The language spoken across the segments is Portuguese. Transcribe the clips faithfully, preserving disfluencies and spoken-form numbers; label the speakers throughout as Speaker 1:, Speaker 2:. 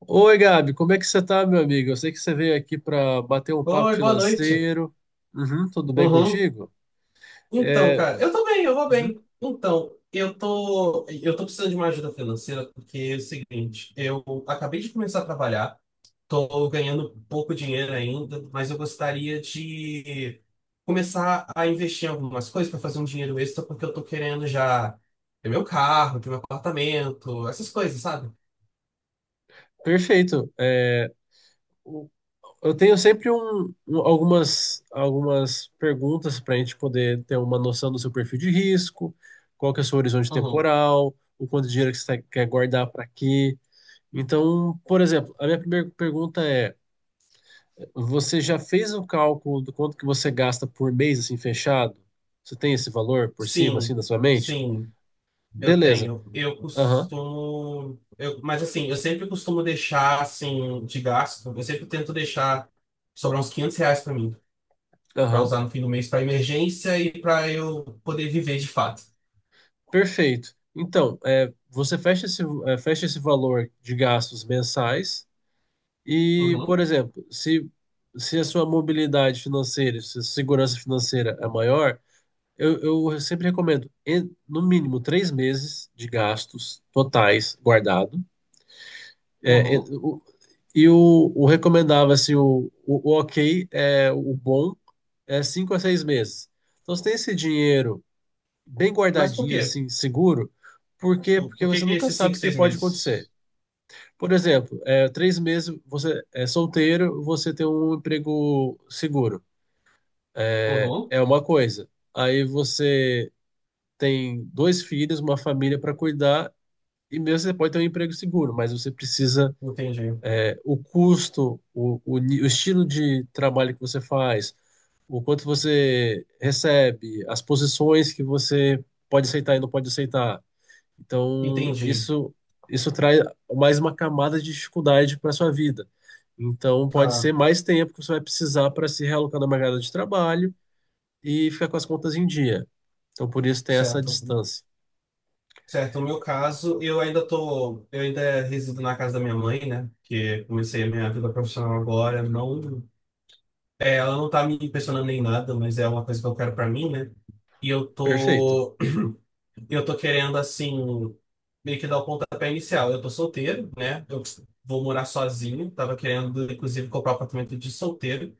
Speaker 1: Oi, Gabi, como é que você tá, meu amigo? Eu sei que você veio aqui para bater um papo
Speaker 2: Oi, boa noite.
Speaker 1: financeiro. Uhum, tudo bem
Speaker 2: Uhum.
Speaker 1: contigo?
Speaker 2: Então,
Speaker 1: É,
Speaker 2: cara, eu tô bem, eu vou
Speaker 1: uhum,
Speaker 2: bem. Então, eu tô, eu tô precisando de uma ajuda financeira porque é o seguinte, eu acabei de começar a trabalhar, tô ganhando pouco dinheiro ainda, mas eu gostaria de começar a investir em algumas coisas para fazer um dinheiro extra porque eu tô querendo já ter meu carro, ter meu apartamento, essas coisas, sabe?
Speaker 1: perfeito. É, o- eu tenho sempre um- um- algumas, algumas perguntas para a gente poder ter uma noção do seu perfil de risco, qual que é o seu horizonte
Speaker 2: Uhum.
Speaker 1: temporal, o quanto de dinheiro que você tá- quer guardar para quê. Então, por exemplo, a minha primeira pergunta é: você já fez o cálculo do quanto que você gasta por mês, assim, fechado? Você tem esse valor por cima, assim,
Speaker 2: Sim,
Speaker 1: na sua mente?
Speaker 2: sim. Eu
Speaker 1: Beleza.
Speaker 2: tenho. Eu
Speaker 1: Aham,
Speaker 2: costumo. Eu, mas assim, eu sempre costumo deixar assim de gasto. Eu sempre tento deixar sobrar uns quinhentos reais pra mim, pra
Speaker 1: aham.
Speaker 2: usar no fim do mês pra emergência e pra eu poder viver de fato.
Speaker 1: Perfeito. Então, é, você fecha esse, é, fecha esse valor de gastos mensais e, por
Speaker 2: Uhum,
Speaker 1: exemplo, se, se a sua mobilidade financeira, se a sua segurança financeira é maior, eu, eu sempre recomendo, em- no mínimo, três meses de gastos totais guardado. É, é,
Speaker 2: uhum.
Speaker 1: o- E o, o recomendável, assim, o, o, o ok, é, o bom, é cinco a seis meses. Então, você tem esse dinheiro bem
Speaker 2: Mas por
Speaker 1: guardadinho,
Speaker 2: quê?
Speaker 1: assim, seguro, por quê?
Speaker 2: Por
Speaker 1: Porque
Speaker 2: por que
Speaker 1: você
Speaker 2: que
Speaker 1: nunca
Speaker 2: esses cinco
Speaker 1: sabe o que
Speaker 2: seis
Speaker 1: pode
Speaker 2: meses?
Speaker 1: acontecer. Por exemplo, é, três meses você é solteiro, você tem um emprego seguro.
Speaker 2: Uhum.
Speaker 1: É uma coisa. Aí você tem dois filhos, uma família para cuidar, e mesmo você pode ter um emprego seguro, mas você precisa
Speaker 2: Entendi.
Speaker 1: o custo, o, o, ni- o estilo de trabalho que você faz, o quanto você recebe, as posições que você pode aceitar e não pode aceitar. Então,
Speaker 2: Entendi.
Speaker 1: isso, isso traz mais uma camada de dificuldade para sua vida. Então, pode
Speaker 2: Tá,
Speaker 1: ser mais tempo que você vai precisar para se realocar no mercado de trabalho e ficar com as contas em dia. Então, por isso tem essa
Speaker 2: certo.
Speaker 1: distância.
Speaker 2: Certo, no meu caso, eu ainda tô, eu ainda resido na casa da minha mãe, né? Que comecei a minha vida profissional agora, não. É, ela não tá me impressionando nem nada, mas é uma coisa que eu quero pra mim, né? E eu
Speaker 1: Perfeito.
Speaker 2: tô, eu tô querendo, assim, meio que dar o pontapé inicial. Eu tô solteiro, né? Eu vou morar sozinho. Tava querendo, inclusive, comprar um apartamento de solteiro.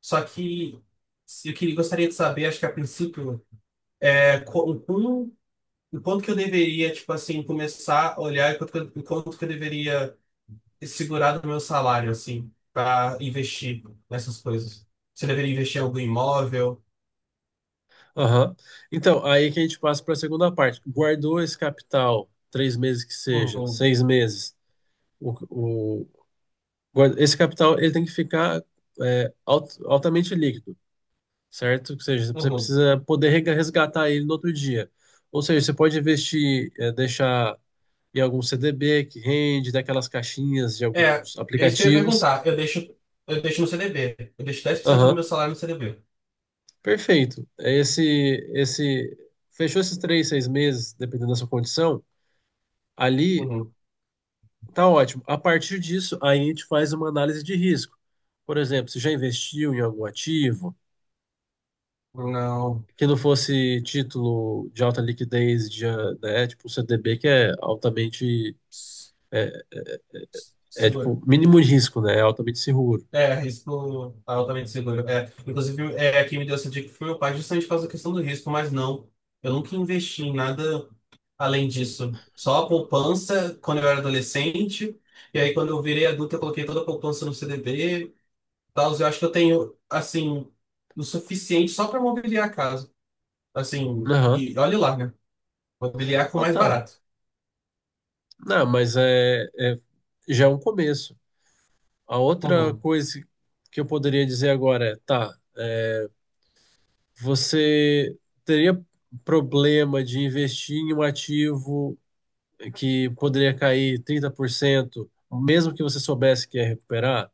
Speaker 2: Só que se- eu queria, gostaria de saber, acho que a princípio, é, co- o como, o quanto que eu deveria, tipo assim, começar a olhar e quanto que eu, o quanto que eu deveria segurar do meu salário, assim, pra investir nessas coisas. Se eu deveria investir em algum imóvel.
Speaker 1: Aham. Então, aí que a gente passa para a segunda parte. Guardou esse capital, três meses que seja,
Speaker 2: Uhum,
Speaker 1: seis meses. O, o- guarda- Esse capital ele tem que ficar é, alt- altamente líquido, certo? Ou seja, você
Speaker 2: uhum.
Speaker 1: precisa poder rega- resgatar ele no outro dia. Ou seja, você pode investir, é, deixar em algum C D B que rende, daquelas caixinhas de
Speaker 2: É,
Speaker 1: alguns
Speaker 2: é isso que eu ia
Speaker 1: aplicativos.
Speaker 2: perguntar. Eu deixo, eu deixo no C D B. Eu deixo dez por cento do
Speaker 1: Aham,
Speaker 2: meu salário no C D B.
Speaker 1: perfeito. É Esse, esse, fechou esses três, seis meses, dependendo da sua condição. Ali
Speaker 2: Uhum.
Speaker 1: tá ótimo. A partir disso, aí a gente faz uma análise de risco. Por exemplo, se já investiu em algum ativo
Speaker 2: Não.
Speaker 1: que não fosse título de alta liquidez, de, né, tipo o C D B, que é altamente,
Speaker 2: S-
Speaker 1: é,
Speaker 2: s-
Speaker 1: é,
Speaker 2: Seguro.
Speaker 1: tipo mínimo de risco, né, é altamente seguro.
Speaker 2: É, risco altamente seguro. É, inclusive, é, quem me deu essa dica foi meu pai, justamente por causa da questão do risco, mas não. Eu nunca investi em nada além disso. Só a poupança quando eu era adolescente. E aí, quando eu virei adulto, eu coloquei toda a poupança no C D B. e Tal, eu acho que eu tenho, assim, o suficiente só para mobiliar a casa. Assim,
Speaker 1: Aham.
Speaker 2: e olhe lá, né? Vou com o
Speaker 1: Ah,
Speaker 2: mais
Speaker 1: tá.
Speaker 2: barato.
Speaker 1: Não, mas é, é- já é um começo. A outra
Speaker 2: Uhum.
Speaker 1: coisa que eu poderia dizer agora é, tá, você teria problema de investir em um ativo que poderia cair trinta por cento, mesmo que você soubesse que ia recuperar,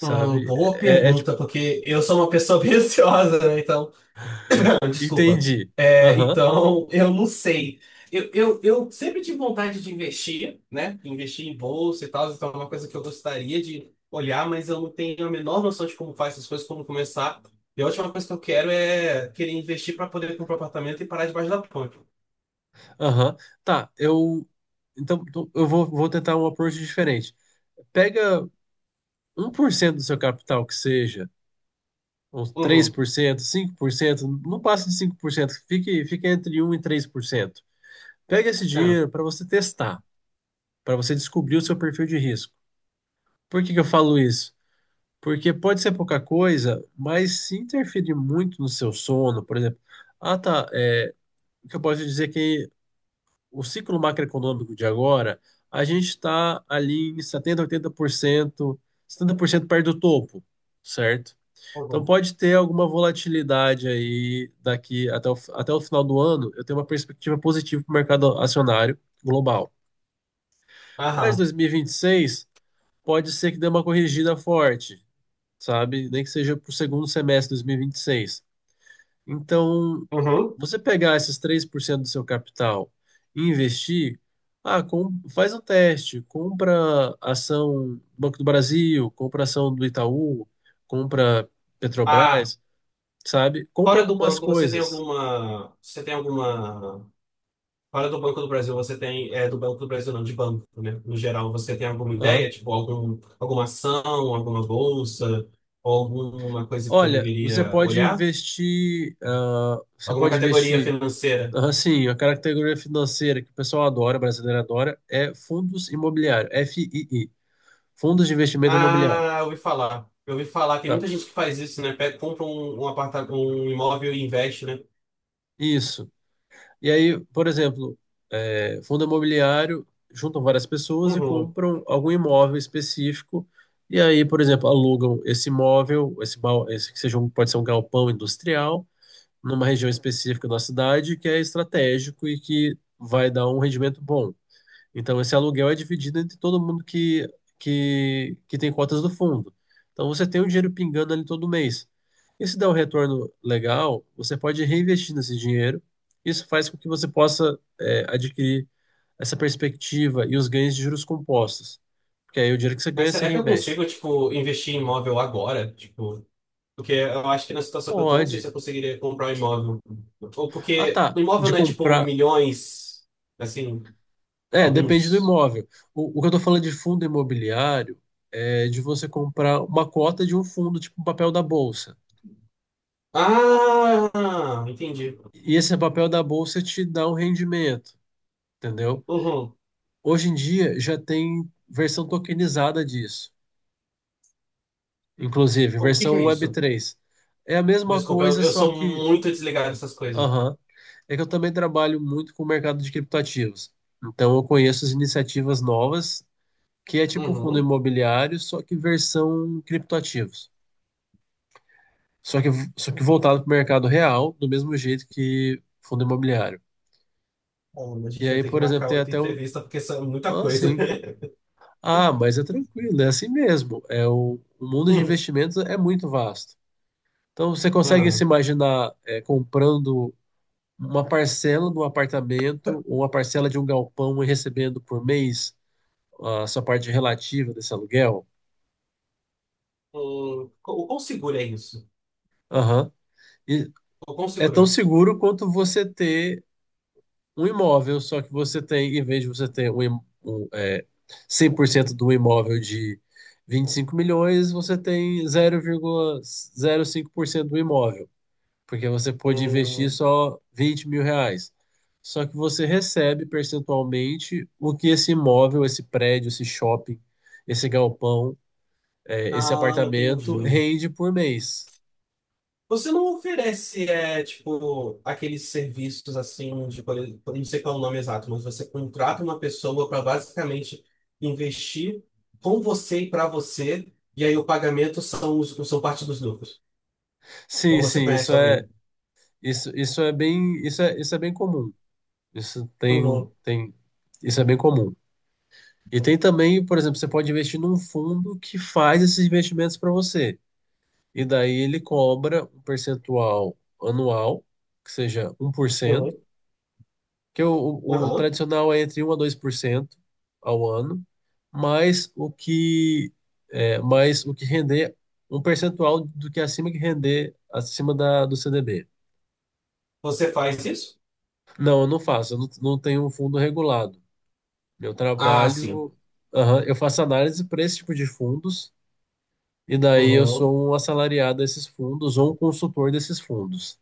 Speaker 2: Hum, boa
Speaker 1: É, é, é tipo,
Speaker 2: pergunta, porque eu sou uma pessoa bem ansiosa, né? Então, desculpa.
Speaker 1: entendi.
Speaker 2: É,
Speaker 1: Aham,
Speaker 2: então, eu não sei. Eu, eu, eu sempre tive vontade de investir, né? Investir em bolsa e tal, então é uma coisa que eu gostaria de olhar, mas eu não tenho a menor noção de como faz essas coisas, como começar. E a última coisa que eu quero é querer investir para poder comprar um apartamento e parar debaixo da ponte.
Speaker 1: aham. Tá, eu. Então, tô- eu vou, vou tentar um approach diferente. Pega um por cento do seu capital, que seja, uns três
Speaker 2: Uhum.
Speaker 1: por cento, cinco por cento, não passe de cinco por cento, fique, fique entre um e três por cento. Pega esse
Speaker 2: É.
Speaker 1: dinheiro para você testar, para você descobrir o seu perfil de risco. Por que que eu falo isso? Porque pode ser pouca coisa, mas se interferir muito no seu sono, por exemplo, ah tá, é, o que eu posso dizer é que o ciclo macroeconômico de agora, a gente está ali em setenta oitenta por cento, setenta por cento perto do topo, certo? Então
Speaker 2: Uhum.
Speaker 1: pode ter alguma volatilidade aí daqui até o, até o final do ano, eu tenho uma perspectiva positiva para o mercado acionário global. Mas
Speaker 2: Aham.
Speaker 1: dois mil e vinte e seis pode ser que dê uma corrigida forte, sabe? Nem que seja para o segundo semestre de dois mil e e vinte e seis. Então,
Speaker 2: Uhum.
Speaker 1: você pegar esses três por cento do seu capital e investir, ah, com- faz um teste, compra ação do Banco do Brasil, compra ação do Itaú, compra
Speaker 2: Ah,
Speaker 1: Petrobras, sabe? Compra
Speaker 2: Fora do
Speaker 1: algumas
Speaker 2: banco, você tem
Speaker 1: coisas.
Speaker 2: alguma. Você tem alguma. Fora do Banco do Brasil, você tem. É, do Banco do Brasil, não, de banco, né? No geral, você tem alguma ideia?
Speaker 1: Aham.
Speaker 2: Tipo, algum, alguma ação, alguma bolsa, ou alguma coisa que eu
Speaker 1: Olha, você
Speaker 2: deveria
Speaker 1: pode
Speaker 2: olhar?
Speaker 1: investir, ah, você
Speaker 2: Alguma
Speaker 1: pode
Speaker 2: categoria
Speaker 1: investir,
Speaker 2: financeira?
Speaker 1: assim a categoria financeira que o pessoal adora, brasileiro adora, é fundos imobiliários, F I I. Fundos de investimento imobiliário.
Speaker 2: Ah, eu ouvi falar. Eu ouvi falar, tem
Speaker 1: Tá?
Speaker 2: muita gente que faz isso, né? Pega, compra um, um, aparta- um imóvel e investe, né?
Speaker 1: Isso. E aí, por exemplo, é, fundo imobiliário juntam várias pessoas e
Speaker 2: Uhum.
Speaker 1: compram algum imóvel específico. E aí, por exemplo, alugam esse imóvel, esse, bal- esse que seja um, pode ser um galpão industrial, numa região específica da cidade que é estratégico e que vai dar um rendimento bom. Então, esse aluguel é dividido entre todo mundo que, que, que tem cotas do fundo. Então, você tem o dinheiro pingando ali todo mês. E se der um retorno legal, você pode reinvestir nesse dinheiro. Isso faz com que você possa, é, adquirir essa perspectiva e os ganhos de juros compostos. Porque aí o dinheiro que você
Speaker 2: Mas
Speaker 1: ganha, você
Speaker 2: será que eu
Speaker 1: reinveste.
Speaker 2: consigo, tipo, investir em imóvel agora? Tipo. Porque eu acho que na situação que eu tô, não sei se
Speaker 1: Pode.
Speaker 2: eu conseguiria comprar um imóvel. Ou
Speaker 1: Ah,
Speaker 2: porque
Speaker 1: tá.
Speaker 2: o imóvel
Speaker 1: De
Speaker 2: não é tipo
Speaker 1: comprar.
Speaker 2: milhões, assim,
Speaker 1: É, depende do
Speaker 2: alguns.
Speaker 1: imóvel. O, o que eu tô falando de fundo imobiliário é de você comprar uma cota de um fundo, tipo um papel da bolsa.
Speaker 2: Ah, entendi.
Speaker 1: E esse papel da bolsa te dá um rendimento, entendeu?
Speaker 2: Uhum.
Speaker 1: Hoje em dia já tem versão tokenizada disso, inclusive
Speaker 2: O que que
Speaker 1: versão
Speaker 2: é isso?
Speaker 1: web três. É a mesma
Speaker 2: Desculpa, eu,
Speaker 1: coisa,
Speaker 2: eu
Speaker 1: só
Speaker 2: sou
Speaker 1: que,
Speaker 2: muito desligado dessas coisas.
Speaker 1: aham, é que eu também trabalho muito com o mercado de criptoativos. Então eu conheço as iniciativas novas, que é tipo fundo
Speaker 2: Uhum.
Speaker 1: imobiliário, só que versão criptoativos. Só que, só que voltado para o mercado real, do mesmo jeito que fundo imobiliário.
Speaker 2: Bom, a
Speaker 1: E
Speaker 2: gente vai
Speaker 1: aí,
Speaker 2: ter que
Speaker 1: por exemplo,
Speaker 2: marcar
Speaker 1: tem
Speaker 2: outra
Speaker 1: até um.
Speaker 2: entrevista porque são muita
Speaker 1: Ah,
Speaker 2: coisa.
Speaker 1: sim. Ah, mas é tranquilo, é assim mesmo. É o, o mundo de
Speaker 2: Uhum.
Speaker 1: investimentos é muito vasto. Então você consegue se
Speaker 2: Uhum.
Speaker 1: imaginar é, comprando uma parcela de um apartamento ou uma parcela de um galpão e recebendo por mês a sua parte relativa desse aluguel?
Speaker 2: O o quão seguro é isso?
Speaker 1: Aham. E
Speaker 2: O quão
Speaker 1: é
Speaker 2: seguro
Speaker 1: tão
Speaker 2: é?
Speaker 1: seguro quanto você ter um imóvel, só que você tem, em vez de você ter um, im- um, é, cem por cento de um imóvel de vinte e cinco milhões, você tem zero zero vírgula zero cinco por cento do imóvel. Porque você pode investir
Speaker 2: Hum.
Speaker 1: só vinte mil reais. Só que você recebe percentualmente o que esse imóvel, esse prédio, esse shopping, esse galpão, eh, esse
Speaker 2: Ah,
Speaker 1: apartamento
Speaker 2: entendi.
Speaker 1: rende por mês.
Speaker 2: Você não oferece, é, tipo, aqueles serviços assim, de, por exemplo, não sei qual é o nome exato, mas você contrata uma pessoa para basicamente investir com você e para você, e aí o pagamento são, os- são parte dos lucros. Ou
Speaker 1: Sim,
Speaker 2: você
Speaker 1: sim, isso
Speaker 2: conhece
Speaker 1: é
Speaker 2: alguém?
Speaker 1: isso, isso é bem isso é, isso é bem comum. Isso tem
Speaker 2: Uhum,
Speaker 1: tem isso é bem comum. E tem também, por exemplo, você pode investir num fundo que faz esses investimentos para você. E daí ele cobra um percentual anual, que seja um por
Speaker 2: uhum,
Speaker 1: cento que o, o, o
Speaker 2: uhum.
Speaker 1: tradicional é entre um a dois por cento ao ano, mais o que é, mais o que render um percentual do que acima que render acima da, do C D B.
Speaker 2: Você faz isso?
Speaker 1: Não, eu não faço, eu não, não tenho um fundo regulado. Meu
Speaker 2: Ah, sim.
Speaker 1: trabalho, aham, eu faço análise para esse tipo de fundos, e daí eu
Speaker 2: Uhum.
Speaker 1: sou um assalariado desses fundos ou um consultor desses fundos.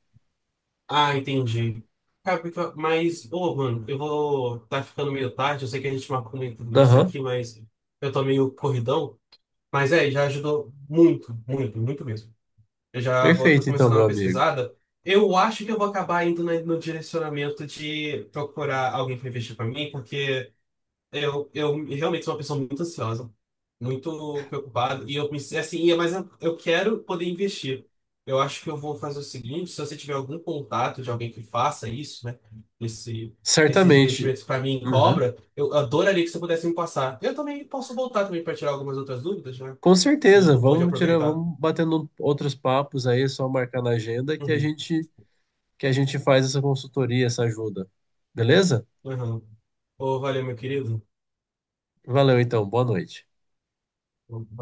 Speaker 2: Ah, entendi. Cara, porque- Mas, ô, mano, eu vou. Tá ficando meio tarde, eu sei que a gente marcou meio tudo isso
Speaker 1: Aham,
Speaker 2: aqui, mas eu tô meio corridão. Mas é, já ajudou muito, muito, muito mesmo. Eu já vou estar
Speaker 1: perfeito então,
Speaker 2: começando a dar
Speaker 1: meu
Speaker 2: uma
Speaker 1: amigo.
Speaker 2: pesquisada. Eu acho que eu vou acabar indo na- no direcionamento de procurar alguém para investir para mim, porque eu, eu realmente sou uma pessoa muito ansiosa, muito preocupada, e eu me assim, e é- mas eu, eu quero poder investir. Eu acho que eu vou fazer o seguinte, se você tiver algum contato de alguém que faça isso, né, esse, esses
Speaker 1: Certamente.
Speaker 2: investimentos para mim em
Speaker 1: Uhum.
Speaker 2: cobra, eu adoraria que você pudesse me passar. Eu também posso voltar também para tirar algumas outras dúvidas, né?
Speaker 1: Com
Speaker 2: E
Speaker 1: certeza,
Speaker 2: não pode
Speaker 1: vamos tirar,
Speaker 2: aproveitar.
Speaker 1: vamos batendo outros papos aí, é só marcar na agenda que a
Speaker 2: Uhum.
Speaker 1: gente que a gente faz essa consultoria, essa ajuda. Beleza?
Speaker 2: Uhum. Ô, valeu, meu querido.
Speaker 1: Valeu então, boa noite.
Speaker 2: Valeu.